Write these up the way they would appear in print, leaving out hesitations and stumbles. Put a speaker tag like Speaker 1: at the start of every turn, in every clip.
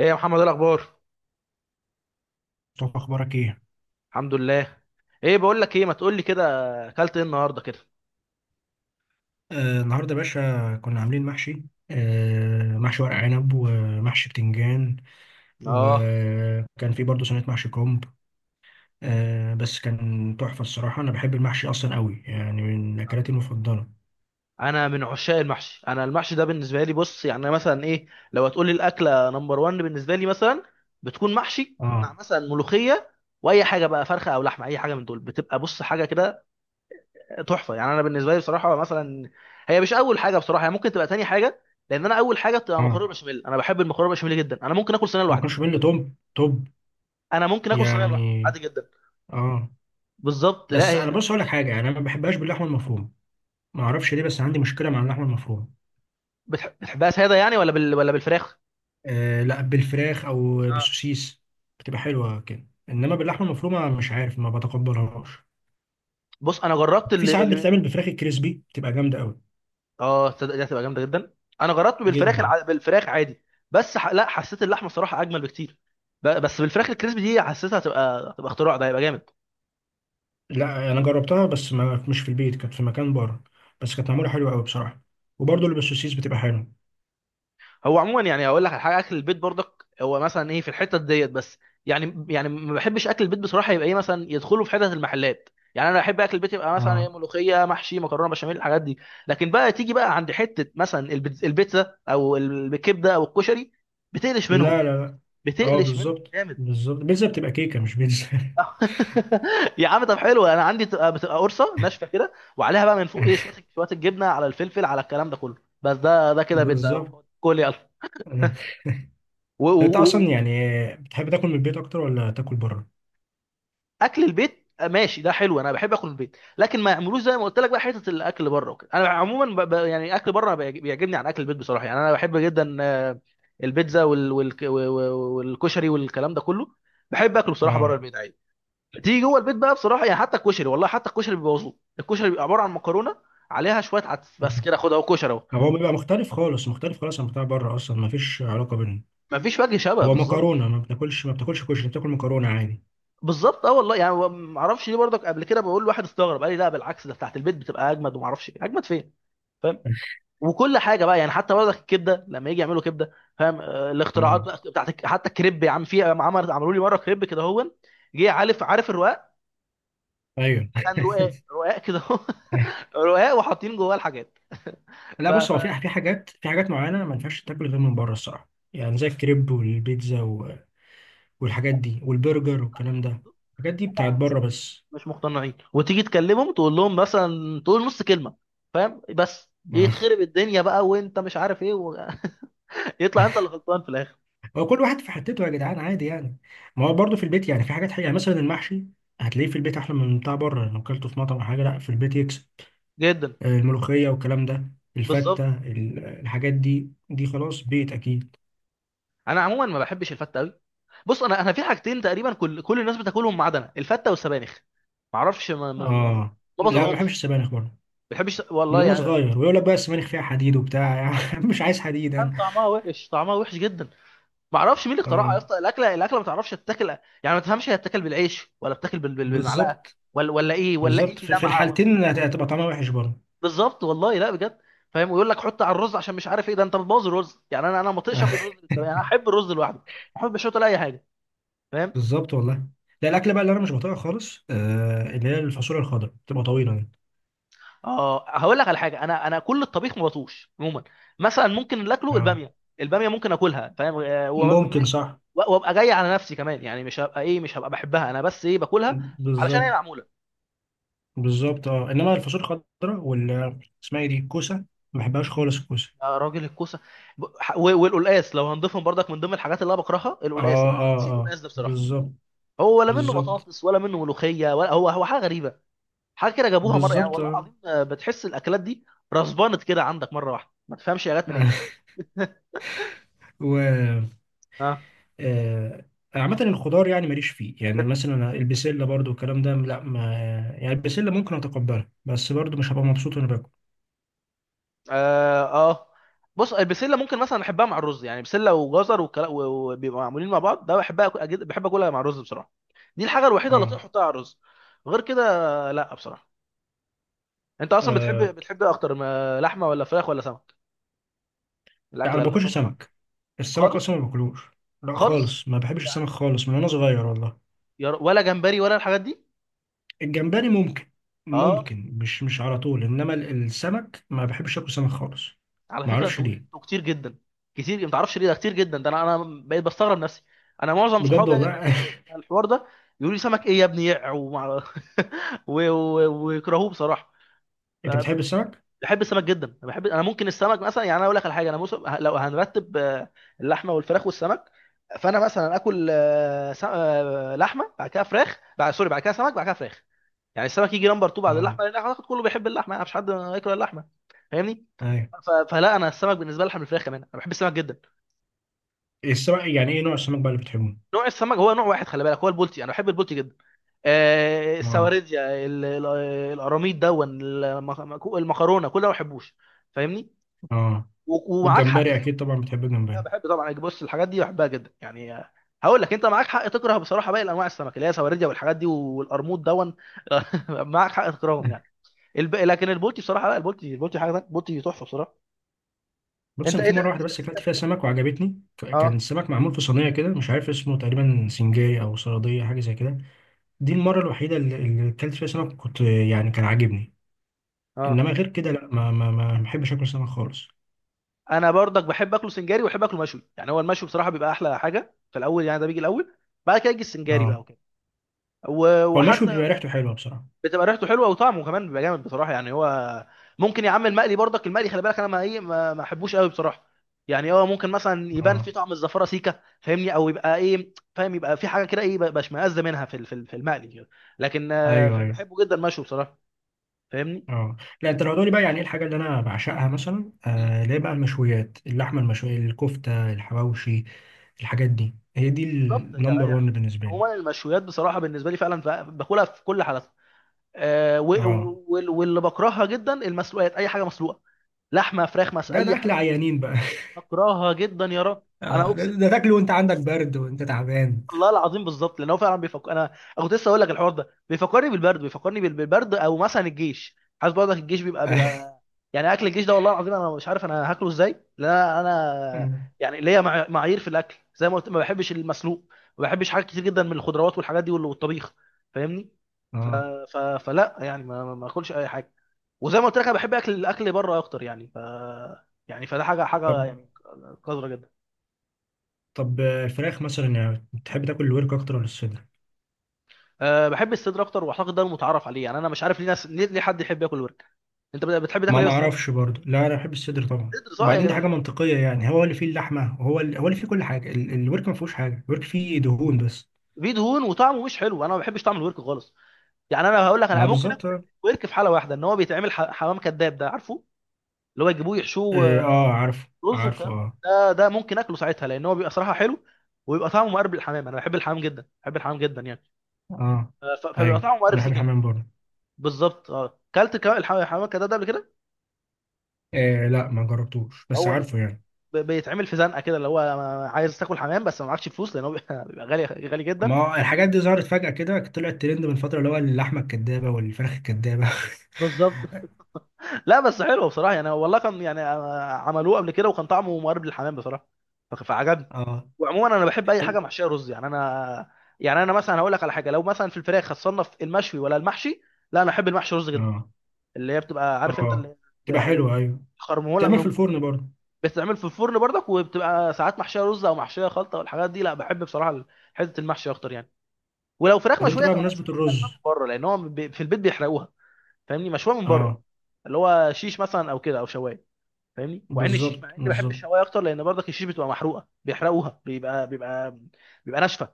Speaker 1: ايه يا محمد، إيه الاخبار؟
Speaker 2: مصطفى اخبارك ايه؟
Speaker 1: الحمد لله. ايه بقول لك ايه، ما تقول لي كده اكلت ايه النهارده كده؟
Speaker 2: آه، النهارده يا باشا كنا عاملين محشي. آه، محشي ورق عنب ومحشي بتنجان.
Speaker 1: اه،
Speaker 2: وكان في برضه صينيه محشي كرنب. آه بس كان تحفه الصراحه، انا بحب المحشي اصلا قوي، يعني من اكلاتي المفضله.
Speaker 1: انا من عشاق المحشي. انا المحشي ده بالنسبه لي، بص يعني أنا مثلا ايه، لو هتقول لي الاكله نمبر 1 بالنسبه لي مثلا، بتكون محشي
Speaker 2: اه
Speaker 1: مع مثلا ملوخيه، واي حاجه بقى فرخه او لحمه اي حاجه من دول، بتبقى بص حاجه كده تحفه يعني. انا بالنسبه لي بصراحه مثلا، هي مش اول حاجه بصراحه، هي ممكن تبقى تاني حاجه، لان انا اول حاجه بتبقى
Speaker 2: اه،
Speaker 1: مكرونه بشاميل. انا بحب المكرونه بشاميل جدا، انا ممكن اكل صينيه
Speaker 2: ما
Speaker 1: لوحدي.
Speaker 2: كانش بيقول لي توب توب
Speaker 1: انا ممكن اكل صينيه لوحدي
Speaker 2: يعني.
Speaker 1: عادي جدا.
Speaker 2: اه،
Speaker 1: بالظبط، لا
Speaker 2: بس انا
Speaker 1: هي.
Speaker 2: بص اقول لك حاجه، يعني انا ما بحبهاش باللحمه المفرومه، ما اعرفش ليه بس عندي مشكله مع اللحمه المفرومه.
Speaker 1: بتحبها ساده يعني، ولا ولا بالفراخ؟
Speaker 2: آه لا، بالفراخ او
Speaker 1: اه.
Speaker 2: بالسوسيس بتبقى حلوه كده، انما باللحمه المفرومه مش عارف ما بتقبلهاش.
Speaker 1: بص انا جربت
Speaker 2: في ساعات بتتعمل بفراخ الكريسبي بتبقى جامده قوي
Speaker 1: اه تصدق دي هتبقى جامده جدا. انا جربت
Speaker 2: جدا.
Speaker 1: بالفراخ عادي، لا حسيت اللحمه الصراحه اجمل بكتير. بس بالفراخ الكريسبي دي حسيتها هتبقى اختراع، ده هيبقى جامد.
Speaker 2: لا انا جربتها بس ما مش في البيت، كانت في مكان بره بس كانت معموله حلوه قوي بصراحه. وبرضه اللي بالسوسيس بتبقى حلوه.
Speaker 1: هو عموما يعني اقول لك على حاجه، اكل البيت برضك هو مثلا ايه في الحته ديت بس. يعني ما بحبش اكل البيت بصراحه، يبقى ايه مثلا يدخلوا في حته المحلات. يعني انا احب اكل البيت يبقى مثلا ايه
Speaker 2: اه.
Speaker 1: ملوخيه محشي مكرونه بشاميل الحاجات دي، لكن بقى تيجي بقى عند حته مثلا البيتزا او الكبده او الكشري، بتقلش
Speaker 2: لا لا
Speaker 1: منهم،
Speaker 2: لا. اه
Speaker 1: بتقلش منهم
Speaker 2: بالظبط
Speaker 1: جامد.
Speaker 2: بالظبط، بيتزا بتبقى كيكه مش بيتزا.
Speaker 1: يا عم طب حلو، انا عندي بتبقى قرصه ناشفه كده، وعليها بقى من فوق ايه شويه شويه الجبنه على الفلفل على الكلام ده كله. بس ده كده بيتزا
Speaker 2: بالظبط.
Speaker 1: اهو، كل يلا.
Speaker 2: طب
Speaker 1: و- و-
Speaker 2: انت اصلا
Speaker 1: و-
Speaker 2: يعني بتحب تاكل من البيت اكتر ولا تاكل بره؟
Speaker 1: اكل البيت ماشي ده حلو، انا بحب اكل البيت، لكن ما يعملوش زي ما قلت لك بقى حته الاكل بره وكده. انا عموما يعني اكل بره بيعجبني عن اكل البيت بصراحه. يعني انا بحب جدا البيتزا والكشري والكلام ده كله، بحب اكله بصراحه بره
Speaker 2: اه.
Speaker 1: البيت عادي. تيجي جوه البيت بقى بصراحه، يعني حتى الكشري والله، حتى الكشري بيبوظوه، الكشري بيبقى عباره عن مكرونه عليها شويه عدس بس، كده خد اهو كشري اهو.
Speaker 2: هو بيبقى مختلف خالص، مختلف خالص عن بتاع بره، اصلا ما فيش علاقه بينهم.
Speaker 1: مفيش وجه شبه
Speaker 2: هو
Speaker 1: بالظبط.
Speaker 2: مكرونه، ما بتاكلش كشري، بتاكل مكرونه عادي.
Speaker 1: بالظبط اه والله، يعني ما اعرفش ليه برضك. قبل كده بقول لواحد استغرب، قال لي لا بالعكس ده بتاعت البيت بتبقى اجمد، وما اعرفش إيه. اجمد فين؟ فاهم. وكل حاجه بقى يعني حتى برضك الكبده، لما يجي يعملوا كبده فاهم آه، الاختراعات
Speaker 2: اه.
Speaker 1: بقى بتاعت حتى الكريب. يا عم في عمل عملوا لي مره كريب كده، هو جه عارف، عارف الرقاق،
Speaker 2: ايوه.
Speaker 1: كان رقاق كده هو. رقاق وحاطين جواه الحاجات.
Speaker 2: لا بص، هو في
Speaker 1: لا،
Speaker 2: حاجات معينه، ما ينفعش تاكل غير من بره الصراحه، يعني زي الكريب والبيتزا والحاجات دي والبرجر والكلام ده. الحاجات دي بتاعت
Speaker 1: مش
Speaker 2: بره بس.
Speaker 1: مش مقتنعين، وتيجي تكلمهم تقول لهم مثلا تقول نص كلمه فاهم، بس
Speaker 2: ما-
Speaker 1: يتخرب الدنيا بقى وانت مش عارف ايه و... يطلع انت اللي غلطان في الاخر.
Speaker 2: هو كل واحد في حتته يا جدعان، عادي يعني. ما هو برضه في البيت، يعني في حاجات حقيقة، يعني مثلا المحشي هتلاقيه في البيت احلى من بتاع بره. لو اكلته في مطعم او حاجه لا، في البيت يكسب.
Speaker 1: جدا.
Speaker 2: آه، الملوخية والكلام ده. الفتة،
Speaker 1: بالظبط.
Speaker 2: الحاجات دي خلاص بيت أكيد.
Speaker 1: انا عموما ما بحبش الفته قوي. بص انا انا في حاجتين تقريبا كل الناس بتاكلهم ما عدا انا، الفته والسبانخ. ما اعرفش
Speaker 2: آه
Speaker 1: ما
Speaker 2: لا، ما بحبش
Speaker 1: بطيقهمش.
Speaker 2: السبانخ برضه.
Speaker 1: ما بحبش
Speaker 2: من
Speaker 1: والله
Speaker 2: وأنا
Speaker 1: يعني.
Speaker 2: صغير ويقول لك بقى السبانخ فيها حديد وبتاع. يعني مش عايز حديد
Speaker 1: كان
Speaker 2: أنا.
Speaker 1: طعمها وحش، طعمها وحش جدا. ما اعرفش مين اللي اخترعها يا
Speaker 2: آه
Speaker 1: اسطى، الاكله الاكله ما تعرفش تتاكل. يعني ما تفهمش هي تتاكل بالعيش ولا بتاكل بالمعلقه،
Speaker 2: بالظبط
Speaker 1: ولا ايه، ولا
Speaker 2: بالظبط،
Speaker 1: انت
Speaker 2: في
Speaker 1: دمعه ولا.
Speaker 2: الحالتين هتبقى طعمها وحش برضه.
Speaker 1: بالظبط والله لا بجد، فاهم. ويقول لك حط على الرز عشان مش عارف ايه، ده انت بتبوظ الرز. يعني انا انا ما اطيقش اكل رز بالسبانخ، يعني انا احب الرز لوحده، ما احبش احط عليه اي حاجه فاهم.
Speaker 2: بالظبط والله. لا الأكلة بقى اللي أنا مش بطيقها خالص، آه اللي هي الفاصوليا الخضراء بتبقى طويلة دي.
Speaker 1: اه هقول لك على حاجه، انا انا كل الطبيخ ما بطوش عموما. مثلا ممكن اللي اكله
Speaker 2: آه
Speaker 1: الباميه، الباميه ممكن اكلها فاهم آه،
Speaker 2: ممكن
Speaker 1: ومش
Speaker 2: صح.
Speaker 1: وابقى جاي على نفسي كمان، يعني مش هبقى ايه، مش هبقى بحبها انا، بس ايه باكلها علشان هي
Speaker 2: بالظبط
Speaker 1: معموله.
Speaker 2: بالظبط اه، انما الفاصوليا الخضراء وال اسمها ايه دي الكوسه، ما بحبهاش خالص الكوسه.
Speaker 1: يا راجل الكوسه. والقلقاس لو هنضيفهم برضك، من ضمن الحاجات اللي انا بكرهها
Speaker 2: اه
Speaker 1: القلقاس. انا ما
Speaker 2: اه
Speaker 1: اعرفش ايه
Speaker 2: اه
Speaker 1: القلقاس ده بصراحه،
Speaker 2: بالظبط.
Speaker 1: هو ولا منه
Speaker 2: بالظبط
Speaker 1: بطاطس ولا منه ملوخيه، ولا هو هو حاجه غريبه، حاجه كده جابوها مره يعني
Speaker 2: بالظبط
Speaker 1: والله
Speaker 2: اه.
Speaker 1: العظيم آه، بتحس الاكلات دي رسبانت كده عندك مره واحده، ما تفهمش يا جت منين.
Speaker 2: و
Speaker 1: اه.
Speaker 2: آه، عامة الخضار يعني ماليش فيه. يعني مثلا البسلة برضو والكلام ده لا ما. يعني البسلة ممكن اتقبلها بس برضو مش هبقى مبسوط وانا باكل.
Speaker 1: اه. آه. بص البسله ممكن مثلا احبها مع الرز، يعني بسله وجزر وبيبقوا معمولين مع بعض، ده بحبها بحب اكلها مع الرز بصراحه. دي الحاجه الوحيده اللي اطيق
Speaker 2: اه.
Speaker 1: احطها على الرز، غير كده لا بصراحه. انت اصلا بتحب
Speaker 2: آه،
Speaker 1: بتحب إيه اكتر، ما لحمه ولا فراخ ولا سمك؟
Speaker 2: يعني
Speaker 1: الاكله
Speaker 2: ما
Speaker 1: اللي
Speaker 2: باكلش
Speaker 1: طبعا.
Speaker 2: سمك، السمك
Speaker 1: خالص.
Speaker 2: اصلا ما باكلوش. لا
Speaker 1: خالص
Speaker 2: خالص، ما بحبش السمك
Speaker 1: يعني.
Speaker 2: خالص من وانا صغير والله.
Speaker 1: ولا جمبري ولا الحاجات دي؟
Speaker 2: الجمبري
Speaker 1: اه.
Speaker 2: ممكن مش على طول، انما السمك ما بحبش اكل سمك خالص.
Speaker 1: على
Speaker 2: ما
Speaker 1: فكره
Speaker 2: اعرفش
Speaker 1: انتوا
Speaker 2: ليه.
Speaker 1: انتوا كتير جدا، كتير ما تعرفش ليه ده كتير جدا. ده انا انا بقيت بستغرب نفسي، انا معظم
Speaker 2: بجد
Speaker 1: صحابي اجي اكلمهم
Speaker 2: والله.
Speaker 1: على الحوار ده يقول لي سمك ايه يا ابني ويكرهوه بصراحه. ف-
Speaker 2: انت بتحب السمك؟
Speaker 1: بحب السمك جدا، انا بحب، انا ممكن السمك مثلا، يعني انا اقول لك على حاجه، انا لو هنرتب آه، اللحمه والفراخ والسمك، فانا مثلا اكل آه، س... آه، لحمه بعد كده فراخ بعد سوري بعد كده سمك بعد كده فراخ. يعني السمك يجي نمبر 2 بعد
Speaker 2: اه.
Speaker 1: اللحمه، لان اعتقد كله بيحب اللحمه يعني مفيش حد ياكل اللحمه فاهمني.
Speaker 2: ايوه.
Speaker 1: فلا انا السمك بالنسبه لي احلى من الفراخ كمان، انا بحب السمك جدا.
Speaker 2: السمك يعني ايه نوع السمك بقى اللي بتحبه؟
Speaker 1: نوع السمك هو نوع واحد خلي بالك، هو البولتي، انا بحب البولتي جدا. آه
Speaker 2: اه.
Speaker 1: السواردية، ال- ال- القراميط دون، المكرونه، كل ده ما بحبوش فاهمني.
Speaker 2: اه.
Speaker 1: ومعاك حق
Speaker 2: والجمبري
Speaker 1: فيه.
Speaker 2: اكيد طبعا بتحب
Speaker 1: انا
Speaker 2: الجمبري.
Speaker 1: بحب طبعا يعني، بص الحاجات دي بحبها جدا يعني آه، هقول لك انت معاك حق تكره بصراحه باقي انواع السمك اللي هي سواردية والحاجات دي والقرموط دون. معاك حق تكرههم يعني. لكن البولتي بصراحه، لا البولتي حاجه تانية، البولتي تحفه بصراحه.
Speaker 2: بص
Speaker 1: انت
Speaker 2: انا
Speaker 1: ايه
Speaker 2: في
Speaker 1: ده؟
Speaker 2: مره واحده بس اكلت فيها سمك وعجبتني، كان
Speaker 1: اه.
Speaker 2: السمك معمول في صينيه كده مش عارف اسمه، تقريبا سنجاري او صياديه حاجه زي كده. دي المره الوحيده اللي اكلت فيها سمك، كنت يعني كان عاجبني.
Speaker 1: اه.
Speaker 2: انما غير كده لا، ما بحبش اكل سمك خالص.
Speaker 1: انا برضك بحب اكله سنجاري، وبحب اكله مشوي. يعني هو المشوي بصراحه بيبقى احلى حاجه في الاول يعني، ده بيجي الاول، بعد كده يجي السنجاري بقى
Speaker 2: اه.
Speaker 1: وكده. و-
Speaker 2: هو المشوي بيبقى
Speaker 1: وحتى
Speaker 2: ريحته حلوه بصراحه.
Speaker 1: بتبقى ريحته حلوه وطعمه كمان بيبقى جامد بصراحه، يعني هو ممكن يا عم المقلي برضك، المقلي خلي بالك انا ما ايه ما ما احبوش قوي بصراحه. يعني هو ممكن مثلا يبان
Speaker 2: اه
Speaker 1: في طعم الزفاره سيكه فاهمني، او يبقى ايه فاهم، يبقى في حاجه كده ايه بشمئز منها في المقلي كده، لكن آه،
Speaker 2: ايوه ايوه.
Speaker 1: بحبه جدا مشوي بصراحه فاهمني.
Speaker 2: اه لا، انت لو هتقولي بقى يعني ايه الحاجه اللي انا بعشقها، مثلا
Speaker 1: مم.
Speaker 2: آه اللي هي بقى المشويات، اللحمه المشويه، الكفته، الحواوشي. الحاجات دي هي دي
Speaker 1: بالظبط
Speaker 2: النمبر
Speaker 1: يعني،
Speaker 2: 1 بالنسبه لي.
Speaker 1: عموما المشويات بصراحه بالنسبه لي فعلا باكلها في كل حالاتها آه، و-
Speaker 2: اه.
Speaker 1: و- وال- واللي بكرهها جدا المسلوقات، اي حاجه مسلوقه لحمه فراخ
Speaker 2: ده
Speaker 1: اي
Speaker 2: اكل
Speaker 1: حاجه،
Speaker 2: عيانين بقى.
Speaker 1: بكرهها جدا يا رب. انا
Speaker 2: آه
Speaker 1: اقسم
Speaker 2: ده
Speaker 1: بالله،
Speaker 2: تاكله وانت عندك برد وانت تعبان.
Speaker 1: الله العظيم بالظبط، لان هو فعلا بيفكر، انا كنت لسه اقول لك الحوار ده بيفكرني بالبرد، بيفكرني بالبرد او مثلا الجيش. عايز برضك الجيش بيبقى بيبقى يعني اكل الجيش ده، والله العظيم انا مش عارف انا هاكله ازاي لان انا
Speaker 2: اه.
Speaker 1: يعني ليا معايير في الاكل، زي ما قلت ما بحبش المسلوق، ما بحبش حاجات كتير جدا من الخضروات والحاجات دي والطبيخ فاهمني. ف...
Speaker 2: آه.
Speaker 1: ف... فلا يعني ما اكلش اي حاجه. وزي ما قلت لك انا بحب اكل الاكل بره اكتر يعني ف، يعني فده حاجه حاجه
Speaker 2: طب.
Speaker 1: يعني قذره جدا.
Speaker 2: طب آه، الفراخ مثلا يعني بتحب تاكل الورك اكتر ولا الصدر؟
Speaker 1: أه بحب الصدر اكتر، واعتقد ده المتعارف عليه. يعني انا مش عارف ليه ناس ليه حد يحب ياكل ورك. انت بتحب تاكل ايه
Speaker 2: ما
Speaker 1: بس الاول؟
Speaker 2: اعرفش برضه. لا انا بحب الصدر طبعا،
Speaker 1: صدر صح يا
Speaker 2: وبعدين دي
Speaker 1: جدعان.
Speaker 2: حاجه منطقيه، يعني هو اللي فيه اللحمه، هو اللي فيه كل حاجه. الورك ما فيهوش حاجه، الورك فيه دهون بس.
Speaker 1: فيه دهون وطعمه مش حلو، انا ما بحبش طعم الورك خالص. يعني انا هقول لك، انا
Speaker 2: ما
Speaker 1: ممكن
Speaker 2: بالظبط.
Speaker 1: اكل الورك في حاله واحده، ان هو بيتعمل حمام كذاب ده عارفه، اللي هو يجيبوه يحشوه
Speaker 2: إيه،
Speaker 1: آه،
Speaker 2: اه عارف
Speaker 1: رز
Speaker 2: عارف
Speaker 1: والكلام ده،
Speaker 2: اه.
Speaker 1: ده ممكن اكله ساعتها لان هو بيبقى صراحه حلو، ويبقى طعمه مقرب للحمام. انا بحب الحمام جدا، بحب الحمام جدا يعني
Speaker 2: اه
Speaker 1: أه، فبيبقى
Speaker 2: ايوه
Speaker 1: طعمه مقرب
Speaker 2: انا بحب
Speaker 1: سيكا.
Speaker 2: الحمام برضه.
Speaker 1: بالظبط اه، كلت كمان الحمام ده ده قبل كده؟
Speaker 2: إيه لا، ما جربتوش بس
Speaker 1: هو
Speaker 2: عارفه يعني.
Speaker 1: بيتعمل في زنقه كده، اللي هو عايز تاكل حمام بس ما معكش فلوس لان هو بيبقى بيبقى غالي غالي جدا.
Speaker 2: ما هو الحاجات دي ظهرت فجأة كده، طلعت ترند من فترة اللي هو اللحمة الكدابة والفراخ الكدابة.
Speaker 1: بالظبط. لا بس حلو بصراحه يعني والله، كان يعني آه، عملوه قبل كده وكان طعمه مقارب للحمام بصراحه، فعجبني.
Speaker 2: اه.
Speaker 1: وعموما انا بحب اي
Speaker 2: طب.
Speaker 1: حاجه محشيه رز يعني انا. يعني انا مثلا هقول لك على حاجه، لو مثلا في الفراخ هتصنف المشوي ولا المحشي؟ لا انا احب المحشي رز جدا،
Speaker 2: اه.
Speaker 1: اللي هي بتبقى عارف انت
Speaker 2: اه
Speaker 1: اللي
Speaker 2: تبقى
Speaker 1: يعني
Speaker 2: حلوة ايوه.
Speaker 1: خرموله
Speaker 2: تعمل في
Speaker 1: من،
Speaker 2: الفرن برضه.
Speaker 1: بتتعمل في الفرن برضك، وبتبقى ساعات محشيه رز او محشيه خلطه والحاجات دي، لا بحب بصراحه حته المحشي اكتر يعني. ولو فراخ
Speaker 2: طب انت
Speaker 1: مشويه
Speaker 2: بقى
Speaker 1: تبقى
Speaker 2: بمناسبة
Speaker 1: مشويه، مشويه
Speaker 2: الرز.
Speaker 1: من بره، لان هو في البيت بيحرقوها فاهمني، مشويه من بره،
Speaker 2: اه
Speaker 1: اللي هو شيش مثلا او كده او شوايه فاهمني. وعن الشيش،
Speaker 2: بالظبط
Speaker 1: مع اني بحب
Speaker 2: بالظبط.
Speaker 1: الشوايه اكتر، لان برضك الشيش بتبقى محروقه، بيحرقوها، بيبقى ناشفه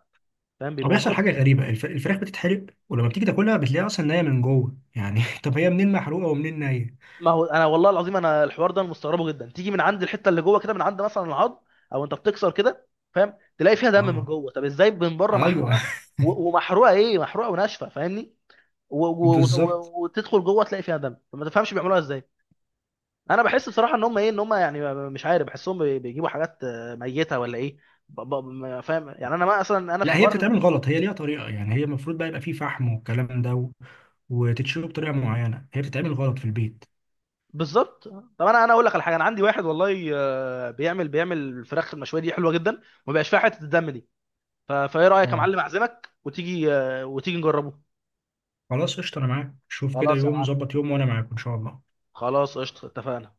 Speaker 1: فاهم،
Speaker 2: هو بيحصل
Speaker 1: بيبوظوا لك
Speaker 2: حاجة
Speaker 1: الفراخ.
Speaker 2: غريبة، الفراخ بتتحرق ولما بتيجي تاكلها بتلاقيها اصلا نية من جوه، يعني طب هي منين محروقة ومنين نية؟
Speaker 1: ما هو انا والله العظيم انا الحوار ده أنا مستغربه جدا، تيجي من عند الحته اللي جوه كده من عند مثلا العظم، او انت بتكسر كده فاهم، تلاقي فيها دم من
Speaker 2: اه
Speaker 1: جوه. طب ازاي من بره
Speaker 2: ايوه.
Speaker 1: محروقه و- ومحروقه ايه، محروقه وناشفه فاهمني، و- و- وت-
Speaker 2: بالظبط.
Speaker 1: و- وتدخل جوه تلاقي فيها دم، ما تفهمش بيعملوها ازاي. انا بحس بصراحه ان هم ايه، ان هم يعني مش عارف، بحسهم بيجيبوا حاجات آه، ميته ولا ايه، ما فاهم يعني انا ما اصلا انا في
Speaker 2: لا هي
Speaker 1: حوار.
Speaker 2: بتتعمل غلط، هي ليها طريقة، يعني هي المفروض بقى يبقى فيه فحم والكلام ده وتتشرب بطريقة معينة، هي بتتعمل غلط في البيت.
Speaker 1: بالظبط. طب انا انا اقول لك على حاجه، انا عندي واحد والله آه، بيعمل الفراخ المشويه دي حلوه جدا، ما بقاش فيها حته الدم دي. فايه رايك يا
Speaker 2: اه
Speaker 1: معلم، اعزمك وتيجي آه، وتيجي نجربه.
Speaker 2: خلاص قشطة، أنا معاك. شوف كده
Speaker 1: خلاص يا
Speaker 2: يوم
Speaker 1: معلم،
Speaker 2: ظبط، يوم وأنا معاك إن شاء الله.
Speaker 1: خلاص قشطه اتفقنا.